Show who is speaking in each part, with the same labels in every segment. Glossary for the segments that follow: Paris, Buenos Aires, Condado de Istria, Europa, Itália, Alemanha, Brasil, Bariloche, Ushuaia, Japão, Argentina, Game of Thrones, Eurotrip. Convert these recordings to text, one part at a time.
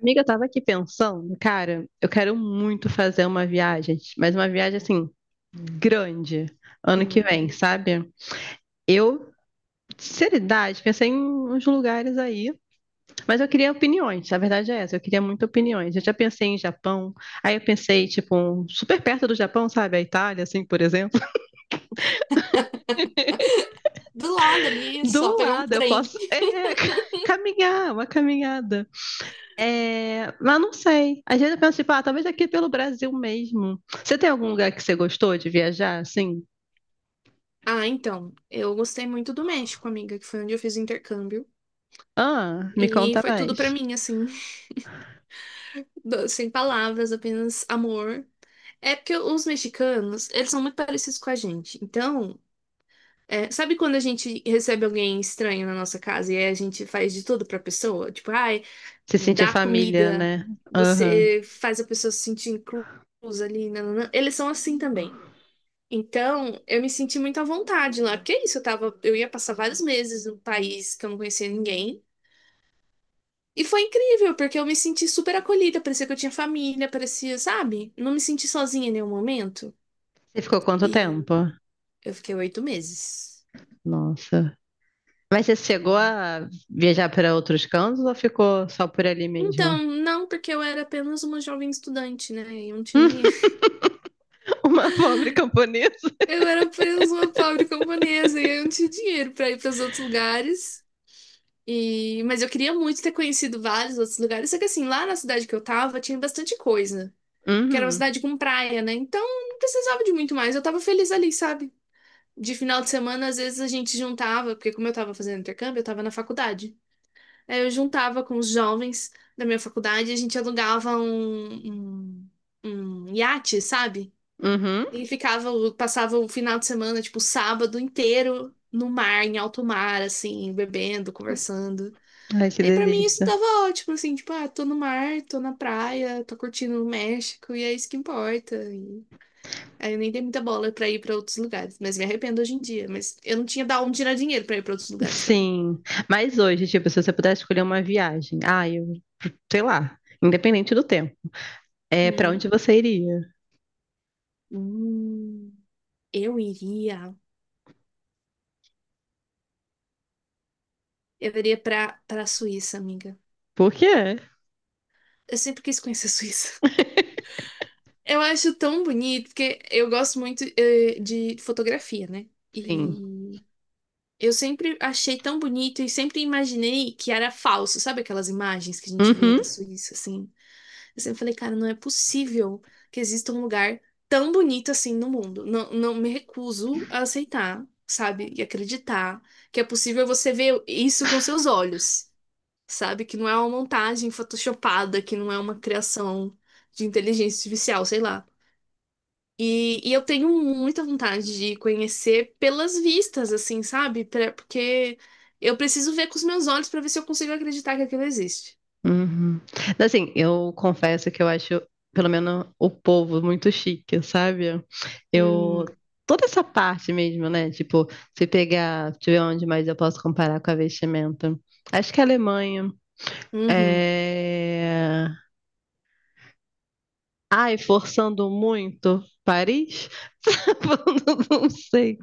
Speaker 1: Amiga, eu tava aqui pensando, cara, eu quero muito fazer uma viagem, mas uma viagem assim, grande, ano que
Speaker 2: Hum.
Speaker 1: vem, sabe? Eu, sinceridade, pensei em uns lugares aí, mas eu queria opiniões, a verdade é essa, eu queria muito opiniões. Eu já pensei em Japão, aí eu pensei, tipo, super perto do Japão, sabe? A Itália, assim, por exemplo.
Speaker 2: Do lado ali, só
Speaker 1: Do
Speaker 2: pegar um
Speaker 1: lado, eu
Speaker 2: trem.
Speaker 1: posso, é, caminhar, uma caminhada. É, mas não sei. Às vezes eu penso, tipo, ah, talvez aqui é pelo Brasil mesmo. Você tem algum lugar que você gostou de viajar, assim?
Speaker 2: Ah, então, eu gostei muito do México, amiga, que foi onde eu fiz o intercâmbio.
Speaker 1: Ah, me
Speaker 2: E
Speaker 1: conta
Speaker 2: foi tudo pra
Speaker 1: mais.
Speaker 2: mim, assim, sem palavras, apenas amor. É porque os mexicanos, eles são muito parecidos com a gente. Então, sabe quando a gente recebe alguém estranho na nossa casa e aí a gente faz de tudo pra pessoa? Tipo, ai,
Speaker 1: Se sentir
Speaker 2: dá
Speaker 1: família,
Speaker 2: comida,
Speaker 1: né? Aham.
Speaker 2: você faz a pessoa se sentir inclusa ali. Nananã. Eles são assim também. Então, eu me senti muito à vontade lá, porque é isso, eu ia passar vários meses num país que eu não conhecia ninguém. E foi incrível, porque eu me senti super acolhida, parecia que eu tinha família, parecia, sabe? Não me senti sozinha em nenhum momento.
Speaker 1: Você ficou quanto
Speaker 2: E
Speaker 1: tempo?
Speaker 2: eu fiquei 8 meses.
Speaker 1: Nossa. Mas você chegou a viajar para outros cantos ou ficou só por ali
Speaker 2: Então,
Speaker 1: mesmo?
Speaker 2: não, porque eu era apenas uma jovem estudante, né? E eu não tinha dinheiro.
Speaker 1: Uma pobre camponesa.
Speaker 2: Eu era apenas uma pobre camponesa e eu não tinha dinheiro pra ir para os outros lugares. Mas eu queria muito ter conhecido vários outros lugares. Só que assim, lá na cidade que eu tava, tinha bastante coisa. Porque era uma
Speaker 1: Uhum,
Speaker 2: cidade com praia, né? Então não precisava de muito mais. Eu tava feliz ali, sabe? De final de semana, às vezes a gente juntava, porque como eu tava fazendo intercâmbio, eu tava na faculdade. Aí eu juntava com os jovens da minha faculdade, e a gente alugava um iate, sabe?
Speaker 1: uhum.
Speaker 2: E ficava, passava o final de semana, tipo, o sábado inteiro no mar, em alto mar, assim, bebendo, conversando.
Speaker 1: Ai, que
Speaker 2: E pra mim isso
Speaker 1: delícia.
Speaker 2: tava ótimo, assim, tipo, ah, tô no mar, tô na praia, tô curtindo o México, e é isso que importa. Aí eu nem dei muita bola pra ir pra outros lugares, mas me arrependo hoje em dia. Mas eu não tinha da onde tirar dinheiro pra ir pra outros lugares também.
Speaker 1: Sim. Mas hoje, tipo, se você pudesse escolher uma viagem, ah, eu sei lá, independente do tempo. É, pra
Speaker 2: Hum,
Speaker 1: onde você iria?
Speaker 2: hum, eu iria. Eu iria pra Suíça, amiga.
Speaker 1: Por quê?
Speaker 2: Eu sempre quis conhecer a Suíça. Eu acho tão bonito, porque eu gosto muito, de fotografia, né?
Speaker 1: Sim.
Speaker 2: E eu sempre achei tão bonito e sempre imaginei que era falso. Sabe aquelas imagens que a gente vê
Speaker 1: Uhum,
Speaker 2: da Suíça, assim? Eu sempre falei, cara, não é possível que exista um lugar tão bonito assim no mundo. Não, não me recuso a aceitar, sabe? E acreditar que é possível você ver isso com seus olhos, sabe? Que não é uma montagem photoshopada, que não é uma criação de inteligência artificial, sei lá. E eu tenho muita vontade de conhecer pelas vistas, assim, sabe? Porque eu preciso ver com os meus olhos para ver se eu consigo acreditar que aquilo existe.
Speaker 1: uhum. Assim, eu confesso que eu acho, pelo menos, o povo muito chique, sabe? Eu.
Speaker 2: Hum,
Speaker 1: Toda essa parte mesmo, né? Tipo, se pegar, deixa eu ver onde mais eu posso comparar com a vestimenta. Acho que a Alemanha.
Speaker 2: uhum,
Speaker 1: É... Ai, forçando muito Paris? Não, sei.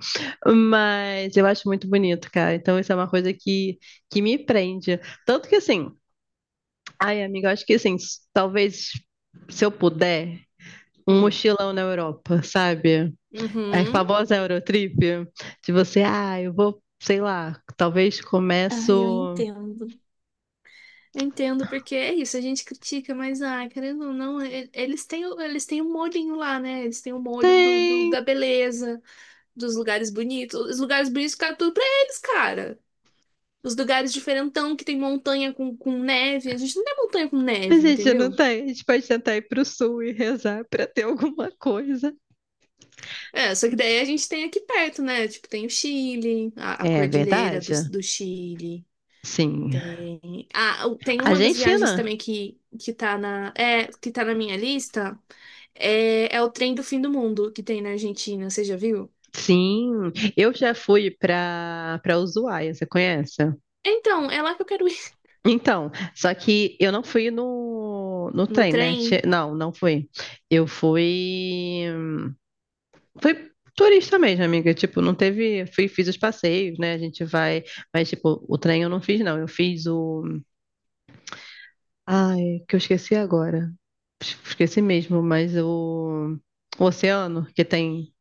Speaker 1: Mas eu acho muito bonito, cara. Então, isso é uma coisa que me prende. Tanto que, assim, ai, amiga, eu acho que, assim, talvez, se eu puder, um
Speaker 2: hum,
Speaker 1: mochilão na Europa, sabe? É a
Speaker 2: uhum.
Speaker 1: famosa Eurotrip, de você, ah, eu vou, sei lá, talvez
Speaker 2: Ah, eu
Speaker 1: começo.
Speaker 2: entendo. Eu entendo, porque é isso, a gente critica, mas, ah, querendo ou não, eles têm o molhinho lá, né? Eles têm o molho
Speaker 1: Tem,
Speaker 2: da beleza, dos lugares bonitos. Os lugares bonitos ficaram tudo pra eles, cara. Os lugares diferentão, que tem montanha com neve. A gente não tem montanha com
Speaker 1: a
Speaker 2: neve,
Speaker 1: gente não
Speaker 2: entendeu?
Speaker 1: tem. A gente pode tentar ir pro sul e rezar pra ter alguma coisa.
Speaker 2: É, só que daí a gente tem aqui perto, né? Tipo, tem o Chile, a
Speaker 1: É
Speaker 2: cordilheira do,
Speaker 1: verdade.
Speaker 2: do Chile.
Speaker 1: Sim.
Speaker 2: Tem. Ah, tem uma das viagens
Speaker 1: Argentina.
Speaker 2: também que tá na minha lista. É o trem do fim do mundo que tem na Argentina, você já viu?
Speaker 1: Sim, eu já fui para Ushuaia, você conhece?
Speaker 2: Então, é lá que eu quero ir.
Speaker 1: Então, só que eu não fui no
Speaker 2: No
Speaker 1: trem, né?
Speaker 2: trem?
Speaker 1: Não, não fui. Eu fui fui turista mesmo, amiga, tipo, não teve, fui fiz os passeios, né? A gente vai, mas tipo, o trem eu não fiz não, eu fiz o ai, que eu esqueci agora. Esqueci mesmo, mas o oceano que tem.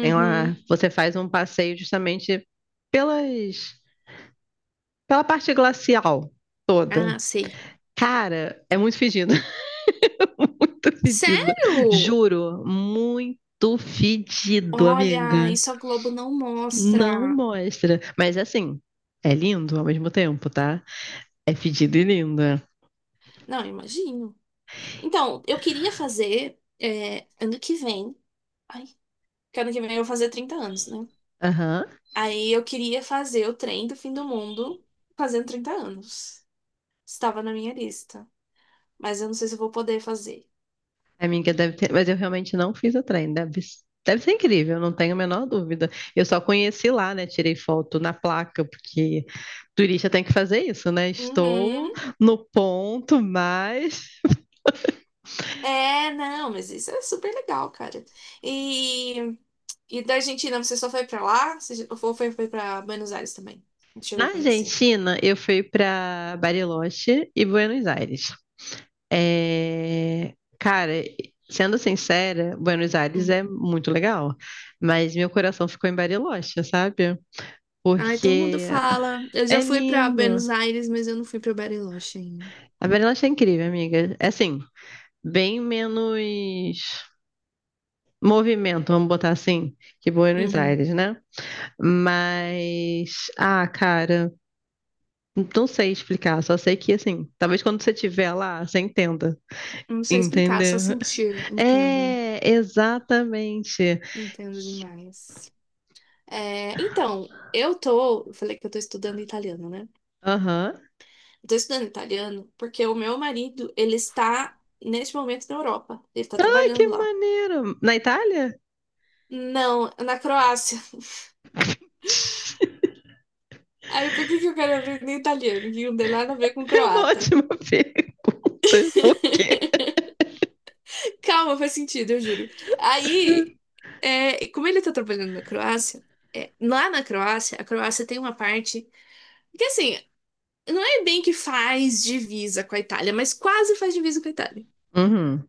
Speaker 1: Tem lá, você faz um passeio justamente pelas, pela parte glacial toda.
Speaker 2: Ah, sei.
Speaker 1: Cara, é muito fedido, muito fedido.
Speaker 2: Sério?
Speaker 1: Juro, muito fedido,
Speaker 2: Olha,
Speaker 1: amiga.
Speaker 2: isso a Globo não
Speaker 1: Não
Speaker 2: mostra.
Speaker 1: mostra. Mas assim, é lindo ao mesmo tempo, tá? É fedido e lindo.
Speaker 2: Não, imagino. Então, eu queria fazer ano que vem. Ai, que ano que vem eu vou fazer 30 anos, né?
Speaker 1: Aham.
Speaker 2: Aí eu queria fazer o trem do fim do mundo fazendo 30 anos. Estava na minha lista, mas eu não sei se eu vou poder fazer.
Speaker 1: Amiga, deve ter, mas eu realmente não fiz o trem, deve, deve ser incrível, não tenho a menor dúvida. Eu só conheci lá, né? Tirei foto na placa, porque turista tem que fazer isso, né? Estou
Speaker 2: Uhum.
Speaker 1: no ponto, mas.
Speaker 2: É, não, mas isso é super legal, cara. E, e da Argentina, você só foi pra lá? Você ou foi pra Buenos Aires também?
Speaker 1: Na
Speaker 2: Chegou a conhecer.
Speaker 1: Argentina, eu fui para Bariloche e Buenos Aires. É, cara, sendo sincera, Buenos Aires
Speaker 2: Hum.
Speaker 1: é muito legal, mas meu coração ficou em Bariloche, sabe?
Speaker 2: Ai, todo mundo
Speaker 1: Porque
Speaker 2: fala. Eu já
Speaker 1: é
Speaker 2: fui pra
Speaker 1: lindo,
Speaker 2: Buenos Aires, mas eu não fui pra Bariloche ainda.
Speaker 1: a Berlanche é incrível, amiga. É assim, bem menos movimento, vamos botar assim, que Buenos
Speaker 2: Uhum.
Speaker 1: Aires, né? Mas, ah, cara, não sei explicar, só sei que assim, talvez quando você estiver lá, você entenda.
Speaker 2: Não sei explicar, só
Speaker 1: Entendeu?
Speaker 2: sentir, entendo.
Speaker 1: É, exatamente.
Speaker 2: Entendo demais. É, então, eu falei que eu tô estudando italiano, né?
Speaker 1: Aham.
Speaker 2: Estou estudando italiano porque o meu marido, ele está neste momento na Europa. Ele está
Speaker 1: Ai, que
Speaker 2: trabalhando lá.
Speaker 1: maneiro! Na Itália?
Speaker 2: Não, na Croácia. Aí por que que eu quero aprender italiano? Que não tem nada a ver com
Speaker 1: É uma
Speaker 2: croata.
Speaker 1: ótima pergunta. Por quê?
Speaker 2: Calma, faz sentido, eu juro. Aí, como ele tá trabalhando na Croácia, lá na Croácia, a Croácia tem uma parte que, assim, não é bem que faz divisa com a Itália, mas quase faz divisa com a Itália.
Speaker 1: Uhum,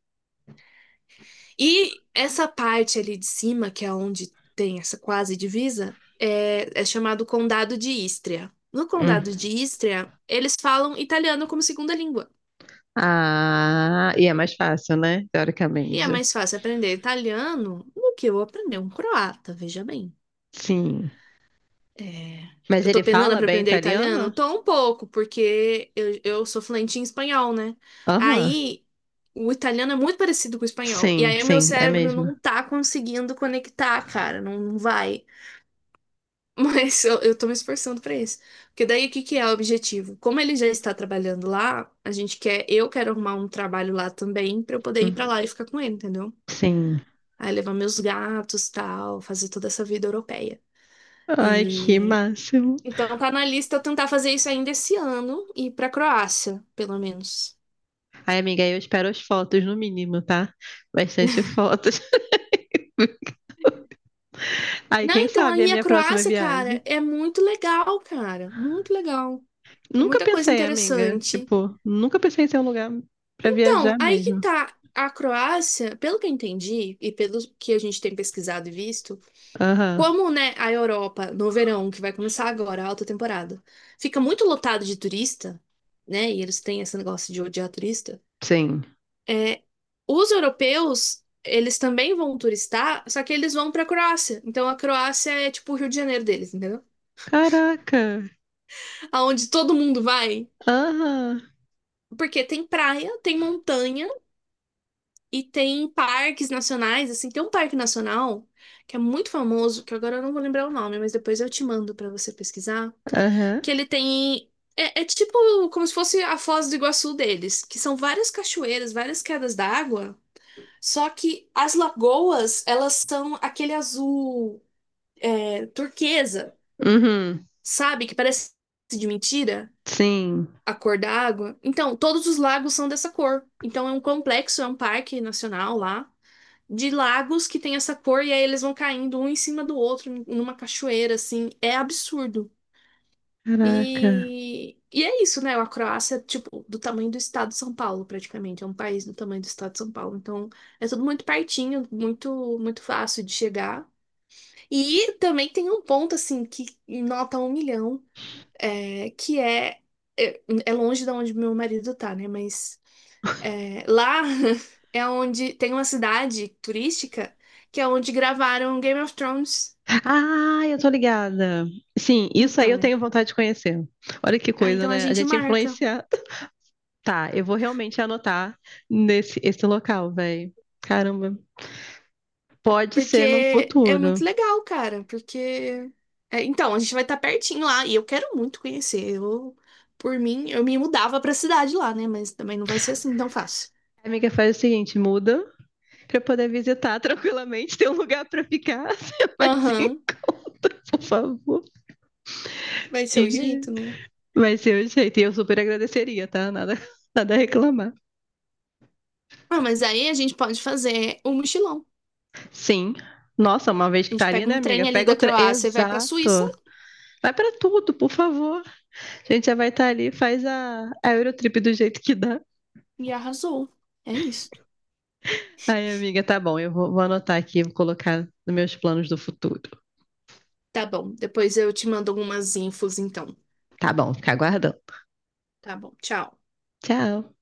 Speaker 2: E essa parte ali de cima, que é onde tem essa quase divisa, é chamado Condado de Istria. No
Speaker 1: uhum.
Speaker 2: Condado de Istria, eles falam italiano como segunda língua.
Speaker 1: Ah, e é mais fácil, né?
Speaker 2: E é
Speaker 1: Teoricamente.
Speaker 2: mais fácil aprender italiano do que eu aprender um croata, veja bem.
Speaker 1: Sim.
Speaker 2: É,
Speaker 1: Mas
Speaker 2: eu tô
Speaker 1: ele
Speaker 2: penando
Speaker 1: fala
Speaker 2: pra
Speaker 1: bem
Speaker 2: aprender
Speaker 1: italiano?
Speaker 2: italiano? Tô um pouco, porque eu sou fluente em espanhol, né?
Speaker 1: Aham.
Speaker 2: Aí, o italiano é muito parecido com o espanhol. E
Speaker 1: Sim,
Speaker 2: aí, o meu
Speaker 1: sim, é
Speaker 2: cérebro
Speaker 1: mesmo.
Speaker 2: não tá conseguindo conectar, cara, não vai. Mas eu tô me esforçando pra isso. Porque daí o que que é o objetivo? Como ele já está trabalhando lá, eu quero arrumar um trabalho lá também pra eu poder ir pra
Speaker 1: Hum,
Speaker 2: lá e ficar com ele, entendeu?
Speaker 1: Sim.
Speaker 2: Aí levar meus gatos, tal, fazer toda essa vida europeia.
Speaker 1: Ai, que
Speaker 2: E-
Speaker 1: máximo.
Speaker 2: Então tá na lista eu tentar fazer isso ainda esse ano e ir pra Croácia, pelo menos.
Speaker 1: Ai, amiga, eu espero as fotos no mínimo, tá? Bastante fotos. Ai,
Speaker 2: Não,
Speaker 1: quem
Speaker 2: então
Speaker 1: sabe a
Speaker 2: aí a
Speaker 1: minha próxima
Speaker 2: Croácia,
Speaker 1: viagem.
Speaker 2: cara, é muito legal, cara, muito legal. Tem
Speaker 1: Nunca
Speaker 2: muita coisa
Speaker 1: pensei, amiga.
Speaker 2: interessante.
Speaker 1: Tipo, nunca pensei em ser um lugar pra
Speaker 2: Então,
Speaker 1: viajar
Speaker 2: aí que
Speaker 1: mesmo.
Speaker 2: tá. A Croácia, pelo que eu entendi e pelo que a gente tem pesquisado e visto,
Speaker 1: Aham.
Speaker 2: como, né, a Europa no verão, que vai começar agora, a alta temporada, fica muito lotado de turista, né? E eles têm esse negócio de odiar turista.
Speaker 1: Sim.
Speaker 2: É, os europeus, eles também vão turistar, só que eles vão pra Croácia. Então a Croácia é tipo o Rio de Janeiro deles, entendeu?
Speaker 1: Caraca.
Speaker 2: Aonde todo mundo vai,
Speaker 1: Aham.
Speaker 2: porque tem praia, tem montanha. E tem parques nacionais, assim, tem um parque nacional que é muito famoso, que agora eu não vou lembrar o nome, mas depois eu te mando pra você pesquisar, que
Speaker 1: Aham.
Speaker 2: ele tem é tipo como se fosse a Foz do Iguaçu deles, que são várias cachoeiras, várias quedas d'água, só que as lagoas, elas são aquele azul turquesa,
Speaker 1: Uhum.
Speaker 2: sabe? Que parece de mentira.
Speaker 1: Sim.
Speaker 2: A cor da água. Então, todos os lagos são dessa cor. Então, é um complexo, é um parque nacional lá de lagos que tem essa cor e aí eles vão caindo um em cima do outro numa cachoeira, assim. É absurdo.
Speaker 1: Caraca.
Speaker 2: E é isso, né? A Croácia, tipo, do tamanho do estado de São Paulo, praticamente. É um país do tamanho do estado de São Paulo. Então, é tudo muito pertinho, muito, muito fácil de chegar. E também tem um ponto, assim, que nota um milhão, é, que é, é. É longe de onde meu marido tá, né? Mas lá é onde tem uma cidade turística que é onde gravaram Game of Thrones.
Speaker 1: Ah, eu tô ligada. Sim, isso aí eu
Speaker 2: Então,
Speaker 1: tenho vontade de conhecer. Olha que
Speaker 2: ah,
Speaker 1: coisa,
Speaker 2: então a
Speaker 1: né? A
Speaker 2: gente
Speaker 1: gente é
Speaker 2: marca.
Speaker 1: influenciado. Tá, eu vou realmente anotar nesse esse local, velho. Caramba. Pode ser num
Speaker 2: Porque é
Speaker 1: futuro.
Speaker 2: muito legal, cara. Porque. Então, a gente vai estar pertinho lá. E eu quero muito conhecer. Eu, por mim, eu me mudava pra cidade lá, né? Mas também não vai ser assim tão fácil.
Speaker 1: Amiga, faz o seguinte, muda pra eu poder visitar tranquilamente, ter um lugar pra ficar. Você vai se
Speaker 2: Aham,
Speaker 1: encontra, por favor.
Speaker 2: vai ser o
Speaker 1: Amiga,
Speaker 2: jeito, né?
Speaker 1: vai ser o jeito. E eu super agradeceria, tá? Nada, nada a reclamar.
Speaker 2: Ah, mas aí a gente pode fazer um mochilão.
Speaker 1: Sim. Nossa, uma vez
Speaker 2: A
Speaker 1: que tá
Speaker 2: gente
Speaker 1: ali,
Speaker 2: pega
Speaker 1: né,
Speaker 2: um
Speaker 1: amiga?
Speaker 2: trem ali
Speaker 1: Pega
Speaker 2: da
Speaker 1: outra.
Speaker 2: Croácia e vai pra Suíça.
Speaker 1: Exato. Vai pra tudo, por favor. A gente já vai estar ali, faz a Eurotrip do jeito que dá.
Speaker 2: E arrasou. É isso.
Speaker 1: Aí, amiga, tá bom. Eu vou, vou anotar aqui, vou colocar nos meus planos do futuro.
Speaker 2: Tá bom, depois eu te mando algumas infos então.
Speaker 1: Tá bom, fica aguardando.
Speaker 2: Tá bom, tchau.
Speaker 1: Tchau.